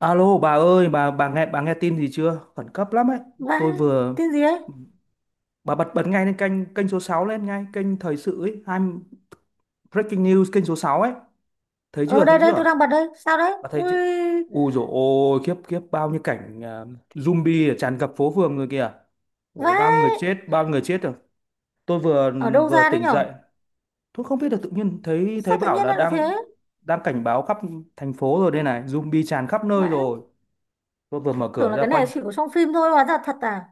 Alo bà ơi, bà nghe tin gì chưa? Khẩn cấp lắm ấy. Tôi Vãi. vừa Cái gì ấy? bà bật bật ngay lên kênh kênh số 6 lên ngay, kênh thời sự ấy, hai breaking news kênh số 6 ấy. Thấy Ờ, chưa? Thấy đây đây, chưa? tôi đang bật đây. Sao đấy? Bà thấy Ui. chưa? Ui dồi ôi, khiếp khiếp bao nhiêu cảnh à, zombie tràn ngập phố phường người kìa. Ủa bao nhiêu Vãi. người chết, bao nhiêu người chết rồi. Tôi vừa Ở đâu vừa ra đấy tỉnh nhở? dậy, tôi không biết là tự nhiên thấy thấy Sao tự bảo nhiên là nó lại đang thế? đang cảnh báo khắp thành phố rồi đây này, zombie tràn khắp nơi Vãi. rồi. Tôi vừa mở Tưởng cửa là ra cái này quanh chỉ có trong phim thôi, hóa ra thật à?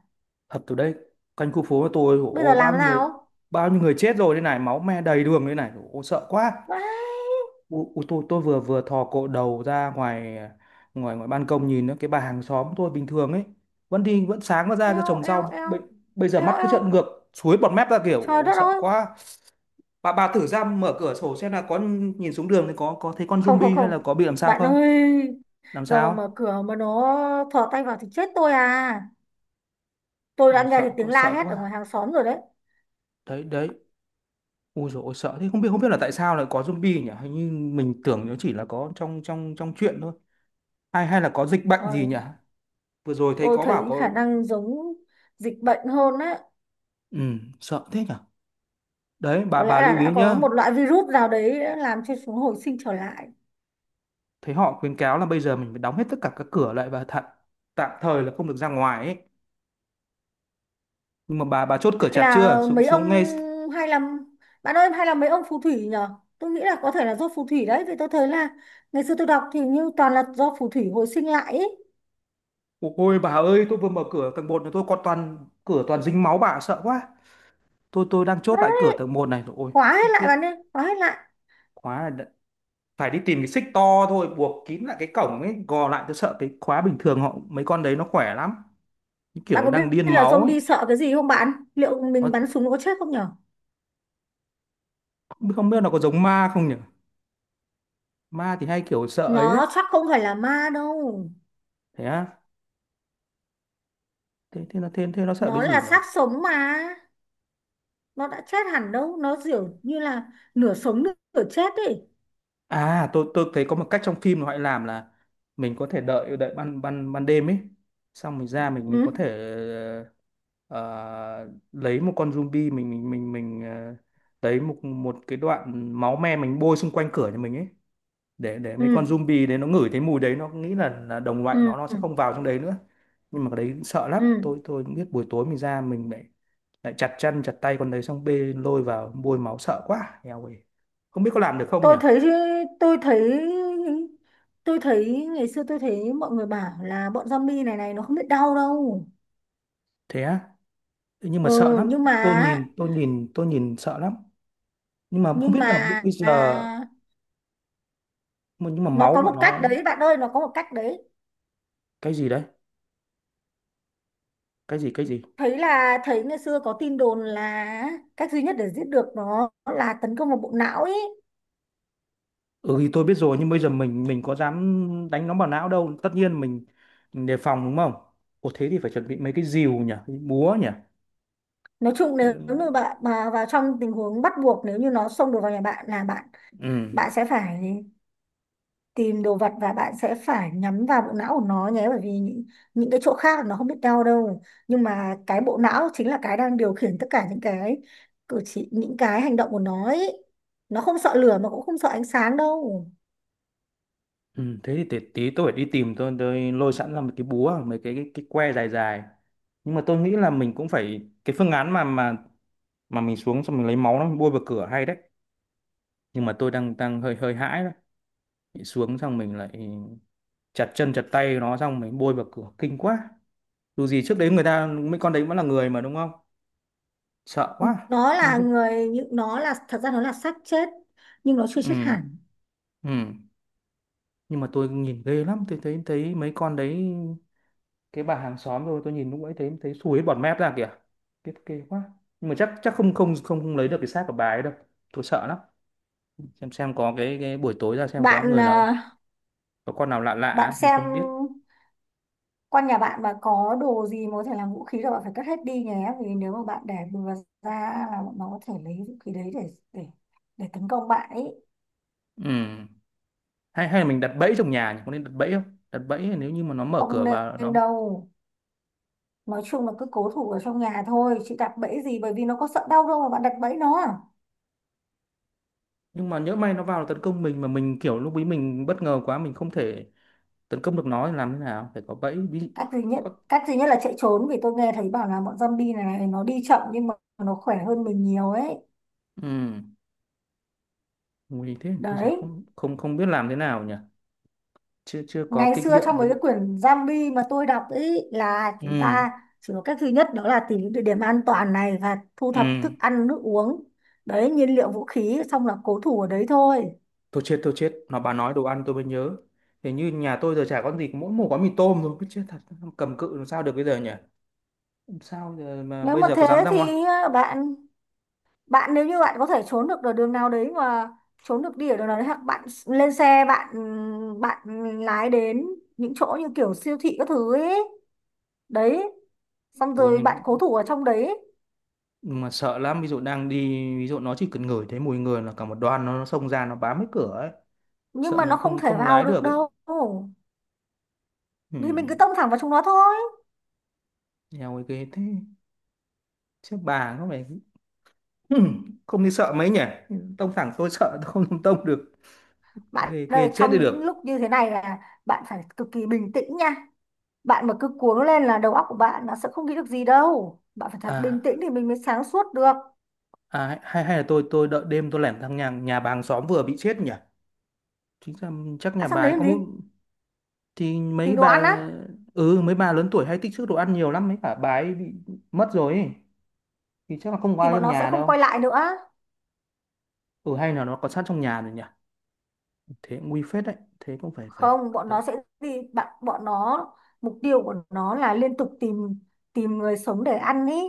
thật từ đấy quanh khu phố của tôi Bây giờ ôi, làm bao thế nhiêu người nào? bao nhiêu người chết rồi đây này, máu me đầy đường đây này. Ôi, sợ quá. Vãi. Ôi, ôi, tôi vừa vừa thò cổ đầu ra ngoài ngoài ngoài ban công nhìn nữa, cái bà hàng xóm tôi bình thường ấy vẫn đi vẫn sáng nó ra cho Eo trồng eo rau, eo. Bây giờ Eo mắt cứ eo. trợn ngược, suối bọt mép ra kiểu. Trời Ôi, đất sợ ơi. quá. Bà thử ra mở cửa sổ xem là có nhìn xuống đường thì có thấy con Không, không, zombie hay là không. có bị làm sao Bạn không, ơi, làm giờ mà sao. mở cửa mà nó thò tay vào thì chết tôi à. Tôi đã Ôi, nghe thấy sợ tiếng quá, la sợ hét ở ngoài quá. hàng xóm rồi đấy. Đấy, đấy. Ui dồi ôi, sợ thế. Không biết là tại sao lại có zombie nhỉ? Hình như mình tưởng nó chỉ là có trong trong trong truyện thôi. Hay, hay là có dịch bệnh gì Rồi, nhỉ? Vừa rồi thấy tôi có bảo thấy khả có. năng giống dịch bệnh hơn đấy. Ừ, sợ thế nhỉ? Đấy, bà Có lẽ bà là lưu ý đã có nhá. một loại virus nào đấy đã làm cho chúng hồi sinh trở lại. Thấy họ khuyến cáo là bây giờ mình phải đóng hết tất cả các cửa lại và thật tạm thời là không được ra ngoài ấy. Nhưng mà bà chốt cửa Hay chặt là chưa? Xuống mấy ông xuống ngay. hay là Bạn ơi, hay là mấy ông phù thủy nhở? Tôi nghĩ là có thể là do phù thủy đấy, vì tôi thấy là ngày xưa tôi đọc thì như toàn là do phù thủy hồi sinh lại ý. Ôi bà ơi, tôi vừa mở cửa tầng một này, tôi còn toàn cửa toàn dính máu bà, sợ quá. Tôi đang chốt Quá. lại cửa tầng một này, rồi. Ôi, Khóa chết, hết lại chết. bạn ơi, khóa hết lại. Quá là đã- Phải đi tìm cái xích to thôi, buộc kín lại cái cổng ấy, gò lại, tôi sợ cái khóa bình thường họ, mấy con đấy nó khỏe lắm. Những Bạn kiểu có biết đang điên là máu ấy. zombie sợ cái gì không? Bạn liệu Nó, mình bắn súng nó có chết không nhở? không biết nó có giống ma không nhỉ? Ma thì hay kiểu sợ ấy đấy. Nó chắc không phải là ma đâu. Thế á? Thế nó sợ cái Nó gì là nhỉ? xác sống mà. Nó đã chết hẳn đâu, nó kiểu như là nửa sống nửa chết ấy. À, tôi thấy có một cách trong phim mà họ làm là mình có thể đợi đợi ban ban ban đêm ấy, xong mình ra, mình có Ừ, thể, ờ, lấy một con zombie, mình lấy một một cái đoạn máu me mình bôi xung quanh cửa nhà mình ấy, để mấy ừ, con zombie đấy nó ngửi thấy mùi đấy, nó nghĩ là đồng loại, ừ, nó ừ, sẽ không vào trong đấy nữa. Nhưng mà cái đấy sợ lắm, ừ. tôi biết buổi tối mình ra mình lại lại chặt chân chặt tay con đấy xong bê lôi vào bôi máu, sợ quá, eo ơi. Không biết có làm được không nhỉ? tôi thấy tôi thấy tôi thấy ngày xưa tôi thấy mọi người bảo là bọn zombie này này nó không biết đau đâu. Thế á? Nhưng Ừ. mà sợ lắm. nhưng mà Tôi nhìn sợ lắm. Nhưng mà không nhưng biết mà là, bây à, giờ nhưng mà nó máu có của một cách nó, đấy bạn ơi, nó có một cách đấy. cái gì đấy, cái gì. Thấy ngày xưa có tin đồn là cách duy nhất để giết được nó là tấn công vào bộ não ấy. Ừ thì tôi biết rồi, nhưng bây giờ mình có dám đánh nó vào não đâu. Tất nhiên mình đề phòng đúng không? Ồ thế thì phải chuẩn bị mấy cái rìu nhỉ, cái búa nhỉ. Nói chung nếu Những- như bạn mà vào trong tình huống bắt buộc, nếu như nó xông được vào nhà bạn là bạn Ừ. bạn sẽ phải tìm đồ vật và bạn sẽ phải nhắm vào bộ não của nó nhé, bởi vì những cái chỗ khác nó không biết đau đâu, nhưng mà cái bộ não chính là cái đang điều khiển tất cả những cái cử chỉ những cái hành động của nó ấy. Nó không sợ lửa mà cũng không sợ ánh sáng đâu. Ừ, thế thì tí, tí tôi phải đi tìm, tôi lôi sẵn ra một cái búa, mấy cái, cái que dài dài. Nhưng mà tôi nghĩ là mình cũng phải cái phương án mà mà mình xuống xong mình lấy máu nó bôi vào cửa, hay đấy. Nhưng mà tôi đang đang hơi hơi hãi đấy. Mình xuống xong mình lại chặt chân chặt tay nó xong mình bôi vào cửa, kinh quá. Dù gì trước đấy người ta, mấy con đấy vẫn là người mà đúng không? Sợ quá. Nó Ừ. là người những nó là, thật ra nó là xác chết. Nhưng nó chưa Ừ, chết hẳn. ừ. Nhưng mà tôi nhìn ghê lắm, tôi thấy thấy mấy con đấy, cái bà hàng xóm rồi, tôi nhìn lúc ấy thấy thấy sùi hết bọt mép ra kìa. Ghê, ghê quá. Nhưng mà chắc, không không không không lấy được cái xác của bà ấy đâu, tôi sợ lắm. Xem có cái, buổi tối ra xem có Bạn người nào, à, có con nào lạ lạ bạn ấy, mình xem không biết. quanh nhà bạn mà có đồ gì mà có thể làm vũ khí là bạn phải cất hết đi nhé, vì nếu mà bạn để bừa ra là bọn nó có thể lấy vũ khí đấy để tấn công bạn ấy. Ừ, hay, hay là mình đặt bẫy trong nhà nhỉ? Có nên đặt bẫy không? Đặt bẫy nếu như mà nó mở Không cửa vào nên nó. đâu. Nói chung là cứ cố thủ ở trong nhà thôi, chị đặt bẫy gì, bởi vì nó có sợ đau đâu mà bạn đặt bẫy nó à? Nhưng mà nhỡ may nó vào tấn công mình, mà mình kiểu lúc ấy mình bất ngờ quá mình không thể tấn công được nó thì làm thế nào, phải có bẫy ví. cách duy nhất Có. Cách duy nhất là chạy trốn, vì tôi nghe thấy bảo là bọn zombie này, này nó đi chậm nhưng mà nó khỏe hơn mình nhiều ấy. Ừ, nguy thế, bây giờ Đấy. không không không biết làm thế nào nhỉ. Chưa chưa Ngày có kinh xưa nghiệm trong với mấy vụ. cái quyển zombie mà tôi đọc ấy là chúng Ừ, ta chỉ có cách duy nhất đó là tìm những địa điểm an toàn này và thu ừ. thập thức ăn nước uống. Đấy, nhiên liệu vũ khí, xong là cố thủ ở đấy thôi. Tôi chết thôi, chết nó, bà nói đồ ăn tôi mới nhớ, hình như nhà tôi giờ chả có gì, mỗi một gói mì tôm thôi, cứ chết thật. Cầm cự làm sao được bây giờ nhỉ? Làm sao giờ mà Nếu bây mà giờ có thế dám ra ngoài. thì bạn bạn nếu như bạn có thể trốn được ở đường nào đấy mà trốn được đi ở đường nào đấy, hoặc bạn lên xe, bạn bạn lái đến những chỗ như kiểu siêu thị các thứ ấy. Đấy, xong Ôi, rồi bạn nhưng cố thủ ở trong đấy. nhưng mà sợ lắm, ví dụ đang đi, ví dụ nó chỉ cần ngửi thấy mùi người là cả một đoàn nó xông ra nó bám hết cửa ấy. Nhưng Sợ mà mình nó không không thể không vào lái được được ấy. đâu. Ừ. Thì mình cứ tông thẳng vào chúng nó thôi. Eo ơi, ghê thế, chứ bà có phải. Không đi sợ mấy nhỉ, tông thẳng tôi sợ tôi không làm tông được. Bạn Ghê, ơi, ghê chết đi trong những lúc được. như thế này là bạn phải cực kỳ bình tĩnh nha. Bạn mà cứ cuống lên là đầu óc của bạn nó sẽ không nghĩ được gì đâu, bạn phải thật bình À, tĩnh thì mình mới sáng suốt được. à hay, hay là tôi đợi đêm tôi lẻn sang nhà nhà bà hàng xóm vừa bị chết nhỉ, chính ra chắc Đã nhà sang bà đấy ấy làm có một. gì? Thì Tìm mấy đồ bà, ăn á? ừ, mấy bà lớn tuổi hay tích trữ đồ ăn nhiều lắm, mấy cả bà ấy bị mất rồi ấy, thì chắc là không có Thì ai bọn trong nó sẽ nhà không quay đâu. lại nữa. Ừ, hay là nó có sát trong nhà rồi nhỉ? Thế cũng nguy phết đấy. Thế cũng phải, phải Không bọn đợi. nó sẽ gì bạn Bọn nó, mục tiêu của nó là liên tục tìm tìm người sống để ăn ý.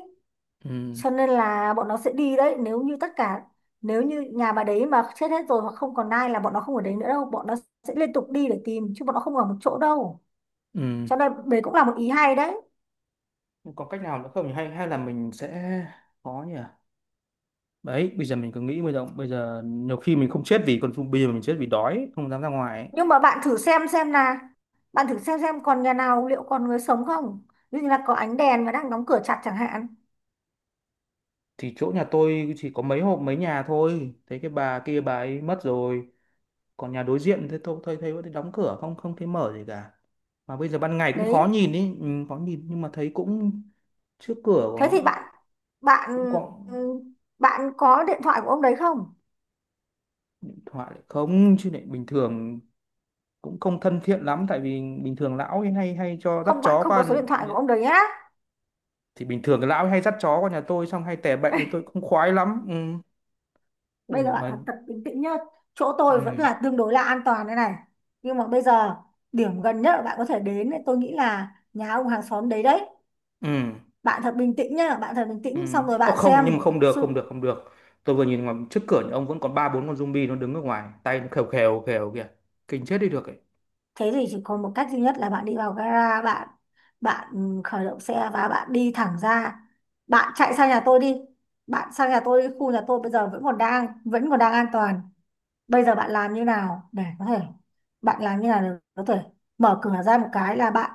Ừ, Cho nên là bọn nó sẽ đi đấy, nếu như nhà bà đấy mà chết hết rồi hoặc không còn ai là bọn nó không ở đấy nữa đâu, bọn nó sẽ liên tục đi để tìm chứ bọn nó không ở một chỗ đâu. ừ. Cho nên đấy cũng là một ý hay đấy. Có cách nào nữa không nhỉ? Hay, hay là mình sẽ có nhỉ. Đấy, bây giờ mình cứ nghĩ bây giờ, nhiều khi mình không chết vì con, bây giờ mình chết vì đói không dám ra ngoài ấy. Nhưng mà bạn thử xem còn nhà nào liệu còn người sống không? Ví dụ như là có ánh đèn và đang đóng cửa chặt chẳng hạn. Thì chỗ nhà tôi chỉ có mấy hộp, mấy nhà thôi, thấy cái bà kia bà ấy mất rồi, còn nhà đối diện thế tôi thấy thấy vẫn đóng cửa, không không thấy mở gì cả. Mà bây giờ ban ngày cũng Đấy. khó nhìn ý, ừ, khó nhìn, nhưng mà thấy cũng trước cửa Thế của thì bạn bạn cũng có. bạn có điện thoại của ông đấy không? Điện thoại lại không chứ, lại bình thường cũng không thân thiện lắm, tại vì bình thường lão ấy hay hay cho dắt Không, bạn chó không có qua. số điện thoại của ông đấy nhá. Thì bình thường cái lão ấy hay dắt chó qua nhà tôi xong hay tè bậy, thì tôi cũng khoái lắm. Ừ. Bây Ôi giờ bạn mà. thật thật bình tĩnh nhá. Chỗ tôi vẫn Ừ. là tương đối là an toàn đây này. Nhưng mà bây giờ điểm gần nhất là bạn có thể đến thì tôi nghĩ là nhà ông hàng xóm đấy đấy. Ừ, Bạn thật bình tĩnh nhá, bạn thật bình ừ. tĩnh xong rồi Ô, bạn không, xem nhưng mà không được, không sự được, không được, tôi vừa nhìn ngoài trước cửa nhà ông vẫn còn ba bốn con zombie, nó đứng ở ngoài, tay nó khều khều khều kìa, kinh chết đi được ấy. thế thì chỉ có một cách duy nhất là bạn đi vào gara, bạn bạn ừ, khởi động xe và bạn đi thẳng ra, bạn chạy sang nhà tôi đi, bạn sang nhà tôi đi, khu nhà tôi bây giờ vẫn còn đang an toàn. Bây giờ bạn làm như nào để có thể mở cửa ra một cái là bạn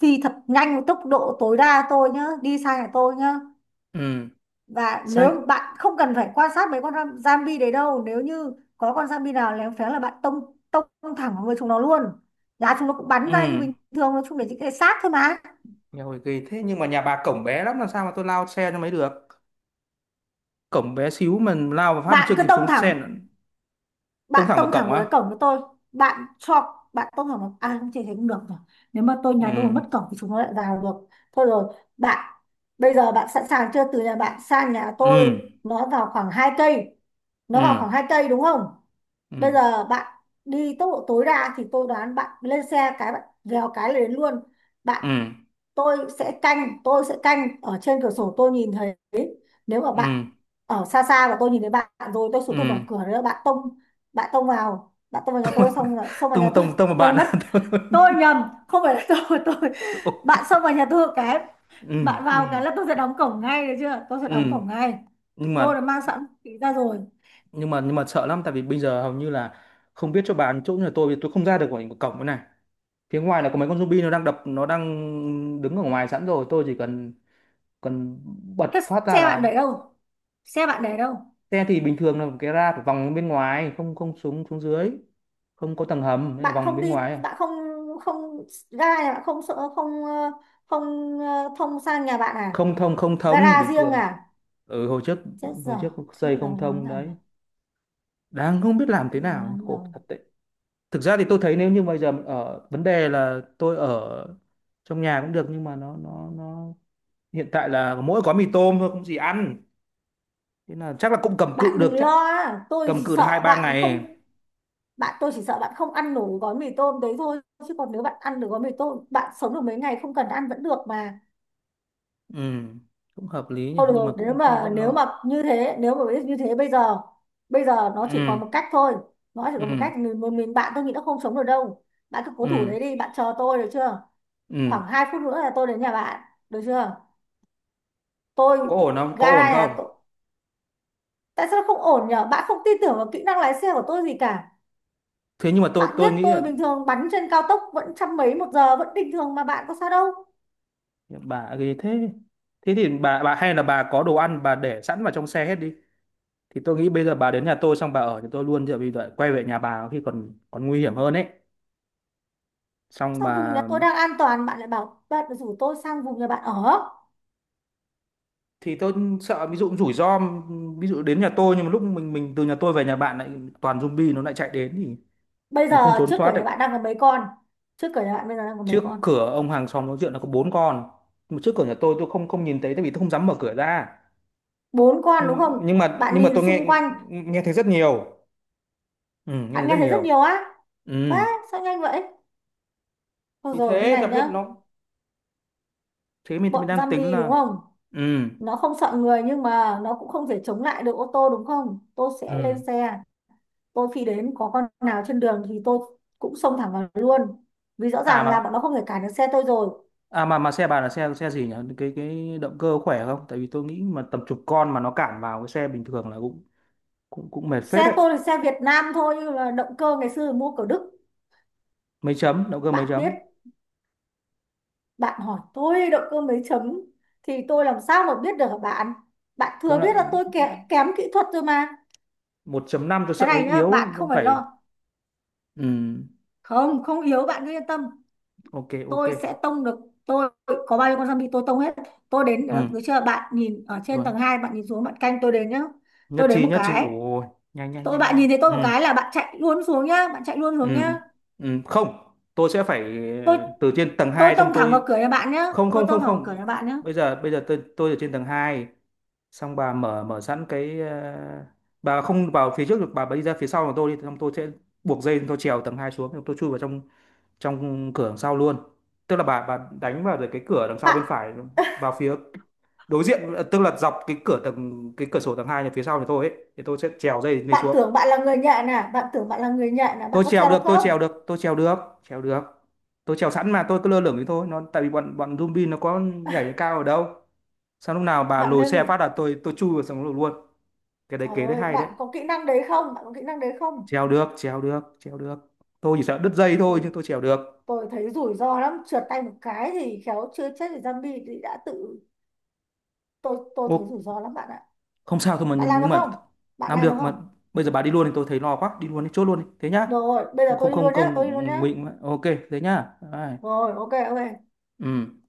phi thật nhanh với tốc độ tối đa tôi nhá, đi sang nhà tôi nhá. Ừ, Và nếu sang. bạn không cần phải quan sát mấy con zombie đấy đâu, nếu như có con zombie nào léo phéng là bạn tông tông thẳng vào người chúng nó luôn. Là chúng nó cũng Ừ, bắn ra như bình thường, nó chung để những cái xác thôi mà. nhà hồi kỳ thế, nhưng mà nhà bà cổng bé lắm, làm sao mà tôi lao xe nó mới được, cổng bé xíu mà lao và phát bạn chưa cứ kịp xuống tông xe thẳng nó. Tông Bạn thẳng vào tông thẳng cổng vào á? cái cổng của tôi. Bạn cho bạn tông thẳng vào, à không, chỉ thấy cũng được rồi. Nếu mà Ừ, nhà tôi mà mất cổng thì chúng nó lại vào được. Thôi rồi bạn, bây giờ bạn sẵn sàng chưa? Từ nhà bạn sang nhà ừ, tôi, nó vào khoảng hai cây nó vào ừ, khoảng hai cây đúng không? Bây ừ, giờ bạn đi tốc độ tối đa thì tôi đoán bạn lên xe cái bạn vèo cái là đến luôn bạn. ừ, Tôi sẽ canh ở trên cửa sổ, tôi nhìn thấy. Nếu mà ừ, bạn ừ. ở xa xa và tôi nhìn thấy bạn rồi, tôi xuống, tôi Ừ. mở cửa nữa, bạn tông vào nhà tôi xong là xông vào nhà Tông tôi. tông tông một bạn. Quên mất, tôi nhầm, không phải là tôi. tôi Ok. Bạn xông vào nhà tôi một cái. Ừ, Bạn ừ, vào cái là tôi sẽ đóng cổng ngay, được chưa? Tôi sẽ đóng ừ, cổng ngay. nhưng Tôi mà đã mang sẵn vũ khí ra rồi. nhưng mà sợ lắm, tại vì bây giờ hầu như là không biết cho bạn chỗ nhà tôi vì tôi không ra được khỏi cái cổng cái này, phía ngoài là có mấy con zombie nó đang đập, nó đang đứng ở ngoài sẵn rồi, tôi chỉ cần cần bật Thế phát xe ra bạn là. để đâu? Xe bạn để đâu? Xe thì bình thường là cái ra phải vòng bên ngoài, không không xuống, dưới không có tầng hầm nên là Bạn vòng không bên đi, ngoài à. bạn không, không ga nhà bạn không, sợ không, không, thông sang nhà bạn à? Không thông Gara bình riêng thường. à? Ừ, hồi trước, Chết giờ. Thế xây bây giờ không làm thông thế nào đấy. nhỉ? Đang không biết làm thế Bây giờ nào, làm thế khổ nào? thật. Thực ra thì tôi thấy nếu như bây giờ ở, vấn đề là tôi ở trong nhà cũng được, nhưng mà nó nó hiện tại là mỗi gói mì tôm thôi, không gì ăn, thế là chắc là cũng cầm cự Bạn đừng được, chắc lo á, cầm cự được hai ba ngày. Tôi chỉ sợ bạn không ăn nổi gói mì tôm đấy thôi. Chứ còn nếu bạn ăn được gói mì tôm, bạn sống được mấy ngày không cần ăn vẫn được mà. Ừ, cũng hợp lý nhỉ, Thôi nhưng mà được, nếu cũng, cũng mà vẫn nếu lo. mà như thế, nếu mà biết như thế, bây giờ nó chỉ Ừ, còn một cách thôi. Nó chỉ ừ, còn một cách, bạn, tôi nghĩ nó không sống được đâu. Bạn cứ cố thủ ừ, đấy đi, bạn chờ tôi được chưa? ừ, Khoảng 2 phút nữa là tôi đến nhà bạn, được chưa? Tôi, có ổn không, có ổn gara nhà không? tôi, tại sao nó không ổn nhở? Bạn không tin tưởng vào kỹ năng lái xe của tôi gì cả. Thế nhưng mà tôi Bạn tôi biết nghĩ là tôi bình thường bắn trên cao tốc vẫn trăm mấy một giờ, vẫn bình thường mà bạn có sao đâu. bà ghê thế. Thế thì bà hay là bà có đồ ăn bà để sẵn vào trong xe hết đi, thì tôi nghĩ bây giờ bà đến nhà tôi xong bà ở thì tôi luôn, chứ bây giờ quay về nhà bà khi còn, nguy hiểm hơn ấy. Xong Sao vùng nhà bà, tôi đang an toàn, bạn lại bảo bạn rủ tôi sang vùng nhà bạn ở. thì tôi sợ ví dụ rủi ro, ví dụ đến nhà tôi nhưng mà lúc mình từ nhà tôi về nhà bạn lại toàn zombie, nó lại chạy đến thì Bây giờ mình không trốn trước thoát cửa được. nhà bạn đang có mấy con? Trước cửa nhà bạn bây giờ đang có mấy Trước con? cửa ông hàng xóm nói chuyện là có bốn con, mà trước cửa nhà tôi không không nhìn thấy tại vì tôi không dám mở cửa ra. Bốn con đúng Nhưng, không? nhưng mà Bạn nhưng mà nhìn tôi nghe, xung quanh, nghe thấy rất nhiều. Ừ, nghe thấy bạn nghe rất thấy rất nhiều. nhiều á. Ừ. Á, sao nhanh vậy? Thôi Thì rồi như thế ta này biết nhá. nó. Thế mình Bọn đang tính zombie đúng là. không? Ừ, Nó không sợ người nhưng mà nó cũng không thể chống lại được ô tô đúng không? Tôi sẽ lên ừ. xe, tôi phi đến có con nào trên đường thì tôi cũng xông thẳng vào luôn. Vì rõ À ràng là bọn nó mà, không thể cản được xe tôi rồi. à mà xe bà là xe xe gì nhỉ? Cái động cơ khỏe không? Tại vì tôi nghĩ mà tầm chục con mà nó cản vào cái xe bình thường là cũng cũng cũng mệt Xe phết đấy. tôi là xe Việt Nam thôi nhưng mà động cơ ngày xưa mua của Đức. Mấy chấm, động cơ mấy Bạn biết chấm? Bạn hỏi tôi động cơ mấy chấm thì tôi làm sao mà biết được hả bạn. Bạn Cứ thừa lại biết là tôi kém kỹ thuật rồi mà. một chấm năm tôi Cái sợ hơi này nhá yếu, chứ bạn không không phải phải. lo. Ừ, Không, không yếu, bạn cứ yên tâm. ok ok. Tôi sẽ tông được. tôi có bao nhiêu con zombie tôi tông hết. Tôi đến được, Ừ, được chưa? Bạn nhìn ở trên rồi. tầng hai, bạn nhìn xuống, bạn canh tôi đến nhá. Nhất Tôi đến trí, một nhất trí. cái, Ủa, nhanh nhanh nhanh bạn nhanh. nhìn thấy tôi Ừ, một cái là bạn chạy luôn xuống nhá, bạn chạy luôn ừ, xuống nhá. ừ. Không, tôi sẽ phải, tôi từ trên tầng tôi 2 xong tông thẳng tôi, vào cửa nhà bạn nhá. không Tôi không tông không thẳng vào cửa nhà không. bạn nhá. Bây giờ, tôi ở trên tầng 2 xong bà mở mở sẵn cái, bà không vào phía trước được, bà đi ra phía sau của tôi đi, xong tôi sẽ buộc dây tôi trèo tầng 2 xuống xong tôi chui vào trong trong cửa đằng sau luôn. Tức là bà đánh vào được cái cửa đằng sau bạn bên phải, vào phía đối diện, tức là dọc cái cửa tầng, cái cửa sổ tầng hai nhà phía sau nhà tôi ấy, thì tôi sẽ trèo dây lên bạn tưởng xuống. bạn là người nhện à? Bạn tưởng bạn là người nhện à? Bạn tôi có trèo treo được được tôi trèo không? được tôi trèo được, trèo được. Tôi trèo sẵn mà tôi cứ lơ lửng thế thôi, nó tại vì bọn bọn zombie nó có nhảy cao ở đâu. Sao lúc nào bà Bạn lùi lên xe rừng. phát là tôi chui vào sống lùi luôn, cái đấy Trời kế đấy ơi, hay đấy. bạn có kỹ năng đấy không? Bạn có kỹ năng đấy không? Treo được treo được, tôi chỉ sợ đứt dây thôi, tôi, nhưng tôi trèo được. tôi thấy rủi ro lắm, trượt tay một cái thì khéo chưa chết thì zombie thì đã tự. Tôi Ô, thấy rủi ro lắm bạn ạ. không sao thôi mà, Bạn làm được nhưng mà không? Bạn làm làm được được mà, không? bây giờ bà đi luôn thì tôi thấy lo quá, đi luôn đi, chốt luôn đi thế nhá. Được rồi, bây Không, giờ tôi không, đi không, luôn nhá, tôi đi luôn không nhá. nguy. Ok, thế nhá. Bye. Rồi, ok, ok. Ừ.